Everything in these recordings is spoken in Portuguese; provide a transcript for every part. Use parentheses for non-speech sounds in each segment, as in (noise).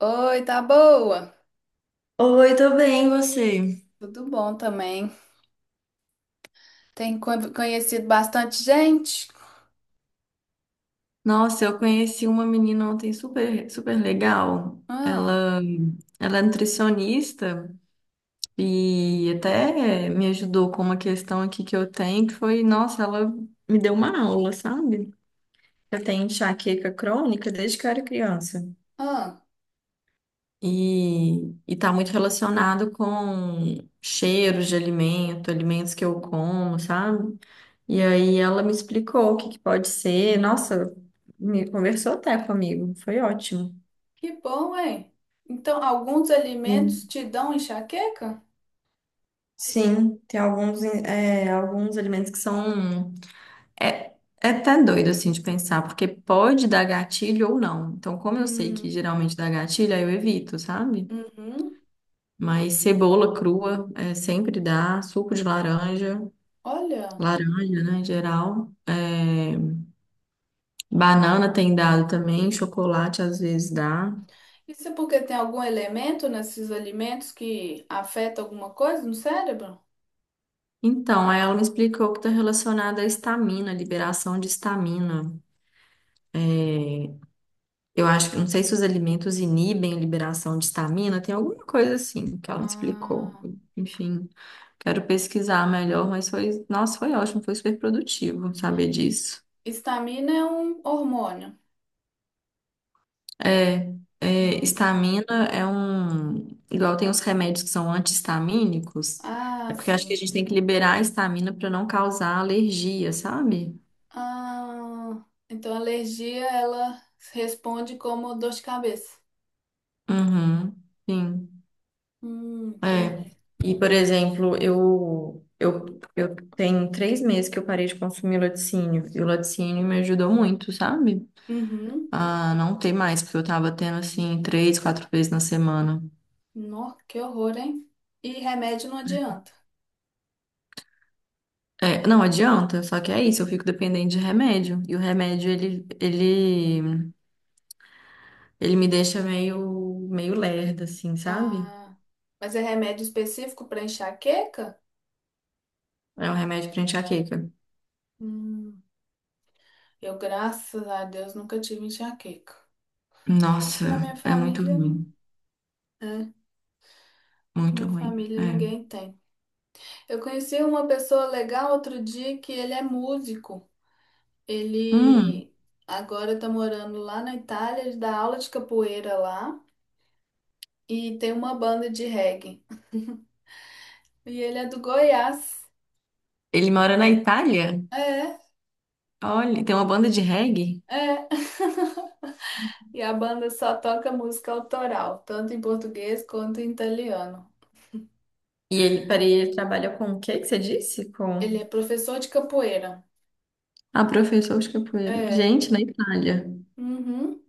Oi, tá boa? Oi, tô bem, e você? Tudo bom também. Tem conhecido bastante gente? Nossa, eu conheci uma menina ontem super, super legal. Ah, Ela é nutricionista e até me ajudou com uma questão aqui que eu tenho, que foi, nossa, ela me deu uma aula, sabe? Eu tenho enxaqueca crônica desde que eu era criança. ah, E tá muito relacionado com cheiros de alimento, alimentos que eu como, sabe? E aí ela me explicou o que que pode ser. Nossa, me conversou até comigo. Foi ótimo. que bom, hein? Então, alguns alimentos Sim. te dão enxaqueca? Sim, tem alguns, é, alguns alimentos que são. É, é até doido assim de pensar, porque pode dar gatilho ou não. Então, como eu sei que Hum, geralmente dá gatilho, aí eu evito, sabe? uhum. Mas cebola crua é, sempre dá, suco de laranja, Olha, laranja, né, em geral. É, banana tem dado também, chocolate às vezes dá. isso é porque tem algum elemento nesses alimentos que afeta alguma coisa no cérebro? Então, aí ela me explicou que está relacionada à histamina, liberação de histamina. Eu acho que, não sei se os alimentos inibem a liberação de histamina, tem alguma coisa assim que ela me explicou. Ah, Enfim, quero pesquisar melhor, mas foi, nossa, foi ótimo, foi super produtivo saber disso. histamina é um hormônio. É, é, Ah, histamina é um, igual tem os remédios que são anti-histamínicos, é ah, porque eu acho que a sim. gente tem que liberar a histamina para não causar alergia, sabe? Ah, então a alergia ela responde como dor de cabeça. Uhum, sim. É. Entendi. E, por exemplo, eu tenho 3 meses que eu parei de consumir laticínio. E o laticínio me ajudou muito, sabe? Uhum. A não ter mais, porque eu tava tendo, assim, três, quatro vezes na semana. Nó, que horror, hein? E remédio não adianta. É, não adianta, só que é isso, eu fico dependente de remédio. E o remédio, ele me deixa meio, meio lerda, assim, sabe? Ah, mas é remédio específico para enxaqueca? É um remédio pra enxaqueca. Hum, eu, graças a Deus, nunca tive enxaqueca. Acho Nossa, que na minha é muito família, ruim, é, muito minha ruim. família É. ninguém tem. Eu conheci uma pessoa legal outro dia que ele é músico. Hum, Ele agora tá morando lá na Itália, ele dá aula de capoeira lá e tem uma banda de reggae. E ele é do Goiás. ele mora na Itália? É. Olha, tem uma banda de reggae? É. (laughs) E a banda só toca música autoral, tanto em português quanto em italiano. E ele, peraí, ele trabalha com o que que você disse? Ele Com... é professor de capoeira. a professor de capoeira. É. Gente, na Itália. Uhum.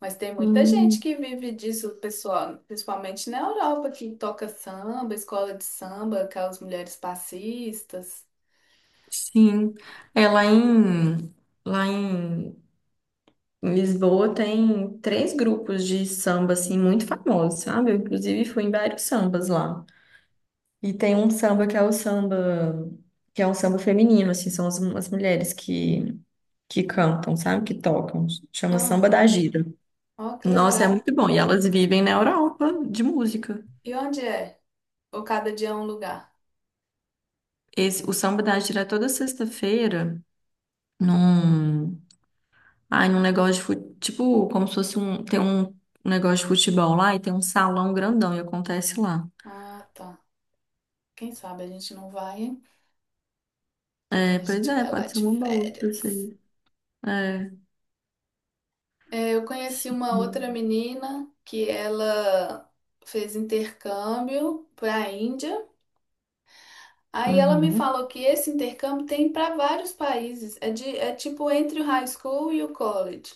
Mas tem muita gente Hum, que vive disso, pessoal, principalmente na Europa, que toca samba, escola de samba, aquelas mulheres passistas. sim. É lá em em Lisboa tem 3 grupos de samba, assim, muito famosos, sabe? Eu, inclusive, fui em vários sambas lá. E tem um samba que é o samba, que é um samba feminino, assim, são as mulheres que cantam, sabe? Que tocam. Chama Samba Ah, da Gira. ó que Nossa, é legal. muito bom. E elas vivem na Europa de música. E onde é? Ou cada dia é um lugar? Esse, o Samba da Átila é toda sexta-feira num, num negócio de fute, tipo, como se fosse um, tem um negócio de futebol lá e tem um salão grandão e acontece lá. Ah, tá. Quem sabe a gente não vai, hein? Quando a É, gente pois é, estiver lá pode ser de uma boa pra férias. vocês. É, É, eu conheci uma outra sim. menina que ela fez intercâmbio para a Índia. Aí ela me Uhum. falou que esse intercâmbio tem para vários países. É tipo entre o high school e o college.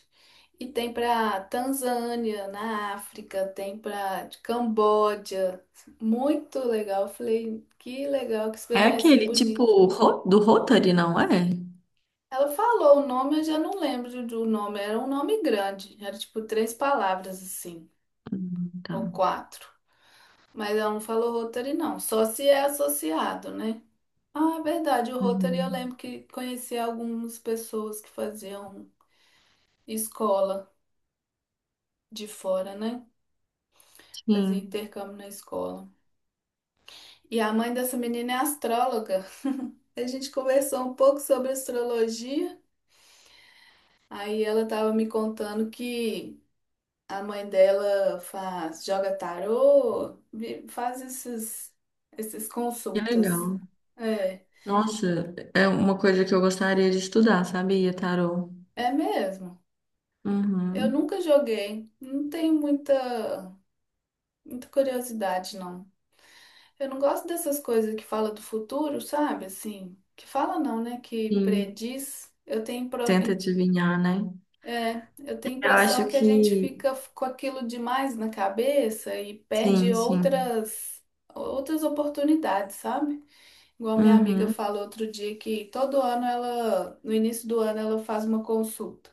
E tem para Tanzânia, na África, tem para Camboja. Muito legal. Eu falei, que legal, que É experiência aquele tipo bonita. Do Rotary, não é? Ela falou o nome, eu já não lembro do nome. Era um nome grande. Era tipo três palavras assim, Tá. ou quatro. Mas ela não falou Rotary, não. Só se é associado, né? Ah, é verdade. O Rotary eu Uhum. lembro que conheci algumas pessoas que faziam escola de fora, né? Fazia Sim, intercâmbio na escola. E a mãe dessa menina é astróloga. A gente conversou um pouco sobre astrologia. Aí ela estava me contando que a mãe dela faz, joga tarô, faz esses que consultas. legal. É, Nossa, é uma coisa que eu gostaria de estudar, sabia, tarô? é mesmo. Eu Uhum. nunca joguei, não tenho muita, muita curiosidade, não. Eu não gosto dessas coisas que fala do futuro, sabe? Assim, que fala não, né? Que Sim. prediz. Eu tenho, pro- Tenta im- adivinhar, né? é, eu tenho a Eu acho impressão que a gente que fica com aquilo demais na cabeça e perde sim, sim. Outras oportunidades, sabe? Igual minha amiga Uhum. falou outro dia que todo ano ela, no início do ano, ela faz uma consulta.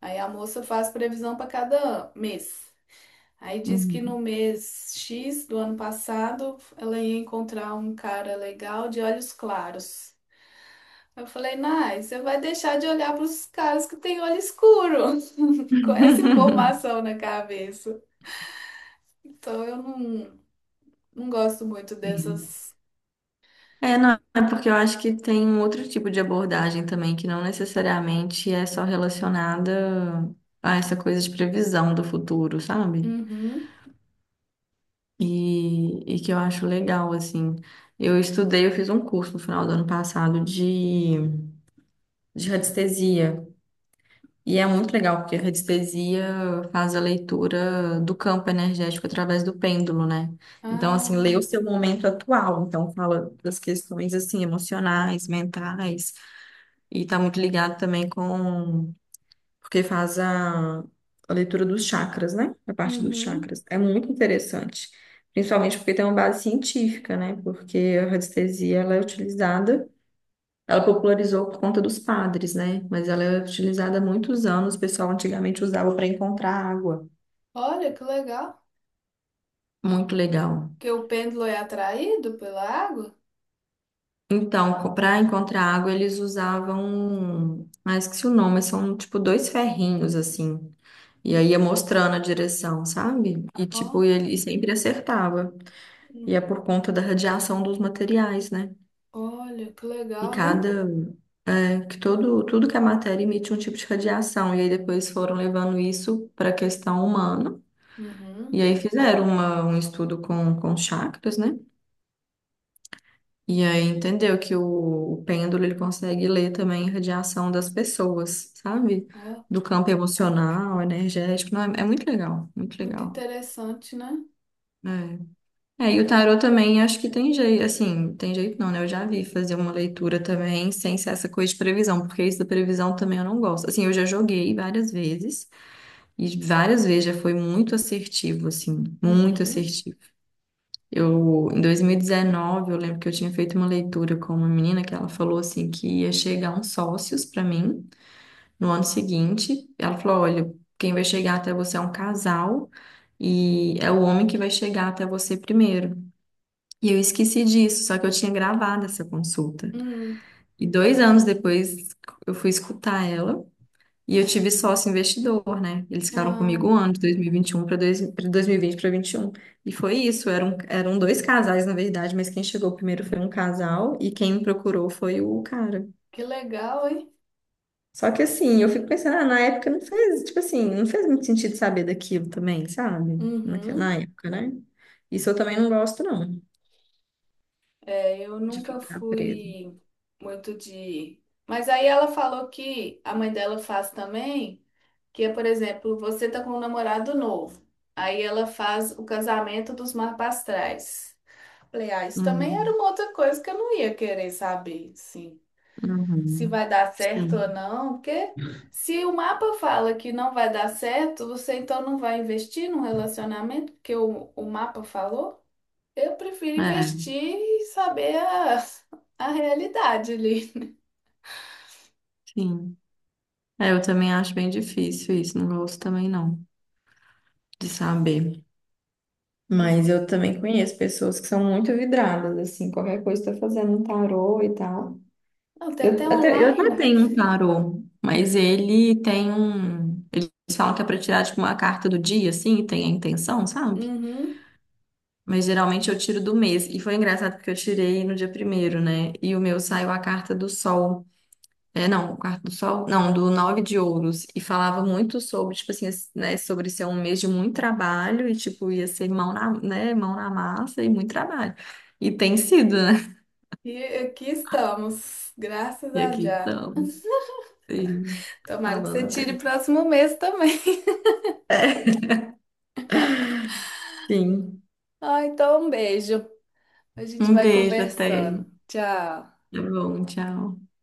Aí a moça faz previsão para cada mês. Aí diz que no Uhum. mês X do ano passado ela ia encontrar um cara legal de olhos claros. Eu falei, Nai, você vai deixar de olhar para os caras que têm olho escuro, (laughs) com essa (laughs) informação na cabeça. Então eu não, não gosto muito Sim. dessas. É, não, é porque eu acho que tem um outro tipo de abordagem também, que não necessariamente é só relacionada a essa coisa de previsão do futuro, sabe? Uhum. E que eu acho legal, assim. Eu estudei, eu fiz um curso no final do ano passado de radiestesia. E é muito legal, porque a radiestesia faz a leitura do campo energético através do pêndulo, né? Então, assim, lê o Ah, seu momento atual. Então, fala das questões, assim, emocionais, mentais. E tá muito ligado também com... Porque faz a leitura dos chakras, né? A parte dos uhum. chakras. É muito interessante. Principalmente porque tem uma base científica, né? Porque a radiestesia, ela é utilizada ela popularizou por conta dos padres, né? Mas ela é utilizada há muitos anos. O pessoal antigamente usava para encontrar água. Olha que legal. Muito legal. Que o pêndulo é atraído pela água. Então, para encontrar água, eles usavam. Ah, esqueci o nome, mas são tipo dois ferrinhos assim. E aí ia mostrando a direção, sabe? E tipo, Ó, ele sempre acertava. E hum. é por conta da radiação dos materiais, né? Olha que E legal, hein? cada. É que todo, tudo que é matéria emite um tipo de radiação. E aí depois foram levando isso para a questão humana. E Uhum. aí fizeram um estudo com chakras, né? E aí entendeu que o pêndulo ele consegue ler também a radiação das pessoas, sabe? Ó, Do campo emocional, energético. Não, é, é muito legal, muito muito legal. interessante, né? É. É, e o tarô também acho que tem jeito, assim, tem jeito não, né? Eu já vi fazer uma leitura também sem ser essa coisa de previsão, porque isso da previsão também eu não gosto. Assim, eu já joguei várias vezes e várias vezes já foi muito assertivo, assim, muito Uhum. assertivo. Eu, em 2019, eu lembro que eu tinha feito uma leitura com uma menina que ela falou assim que ia chegar uns sócios para mim no ano seguinte. Ela falou: "Olha, quem vai chegar até você é um casal e é o homem que vai chegar até você primeiro". E eu esqueci disso, só que eu tinha gravado essa consulta. Hum, E 2 anos depois eu fui escutar ela. E eu tive sócio investidor, né? Eles ficaram comigo ah, um ano, de 2021 para 2020 para 21. E um. E foi isso, eram dois casais, na verdade, mas quem chegou primeiro foi um casal e quem me procurou foi o cara. que legal, hein? Só que assim, eu fico pensando, ah, na época não fez, tipo assim, não fez muito sentido saber daquilo também, sabe? Na Uhum. época, né? Isso eu também não gosto, não, É, eu de nunca ficar presa. fui muito de. Mas aí ela falou que a mãe dela faz também, que é, por exemplo, você tá com um namorado novo. Aí ela faz o casamento dos marpastrais. Falei, ah, isso também era Hum, uma outra coisa que eu não ia querer saber, sim. Se uhum. vai dar certo Sim, ou não, porque se o mapa fala que não vai dar certo, você então não vai investir num relacionamento, porque o mapa falou? Eu prefiro é, investir e saber a realidade ali. sim. É, eu também acho bem difícil isso, não gosto também não, de saber. Mas, Mas eu também conheço pessoas que são muito vidradas, assim, qualquer coisa tá fazendo um tarô e tal. não, tem até Eu até online. tenho um tarô, mas ele tem um. Eles falam que é pra tirar, tipo, uma carta do dia, assim, e tem a intenção, sabe? Uhum. Mas geralmente eu tiro do mês. E foi engraçado porque eu tirei no dia primeiro, né? E o meu saiu a carta do sol. É, não, o quarto do sol, não, do nove de ouros. E falava muito sobre, tipo assim, esse- né, sobre ser um mês de muito trabalho e, tipo, ia ser mão na, né, mão na massa e muito trabalho. E tem sido, né? E aqui estamos, graças E a aqui Jah. (laughs) estamos, sim, Tomara que você falando tire o até. próximo mês também. (laughs) Sim. Ah, então um beijo. A gente Um vai beijo até. conversando. Tchau. Tá bom, tchau.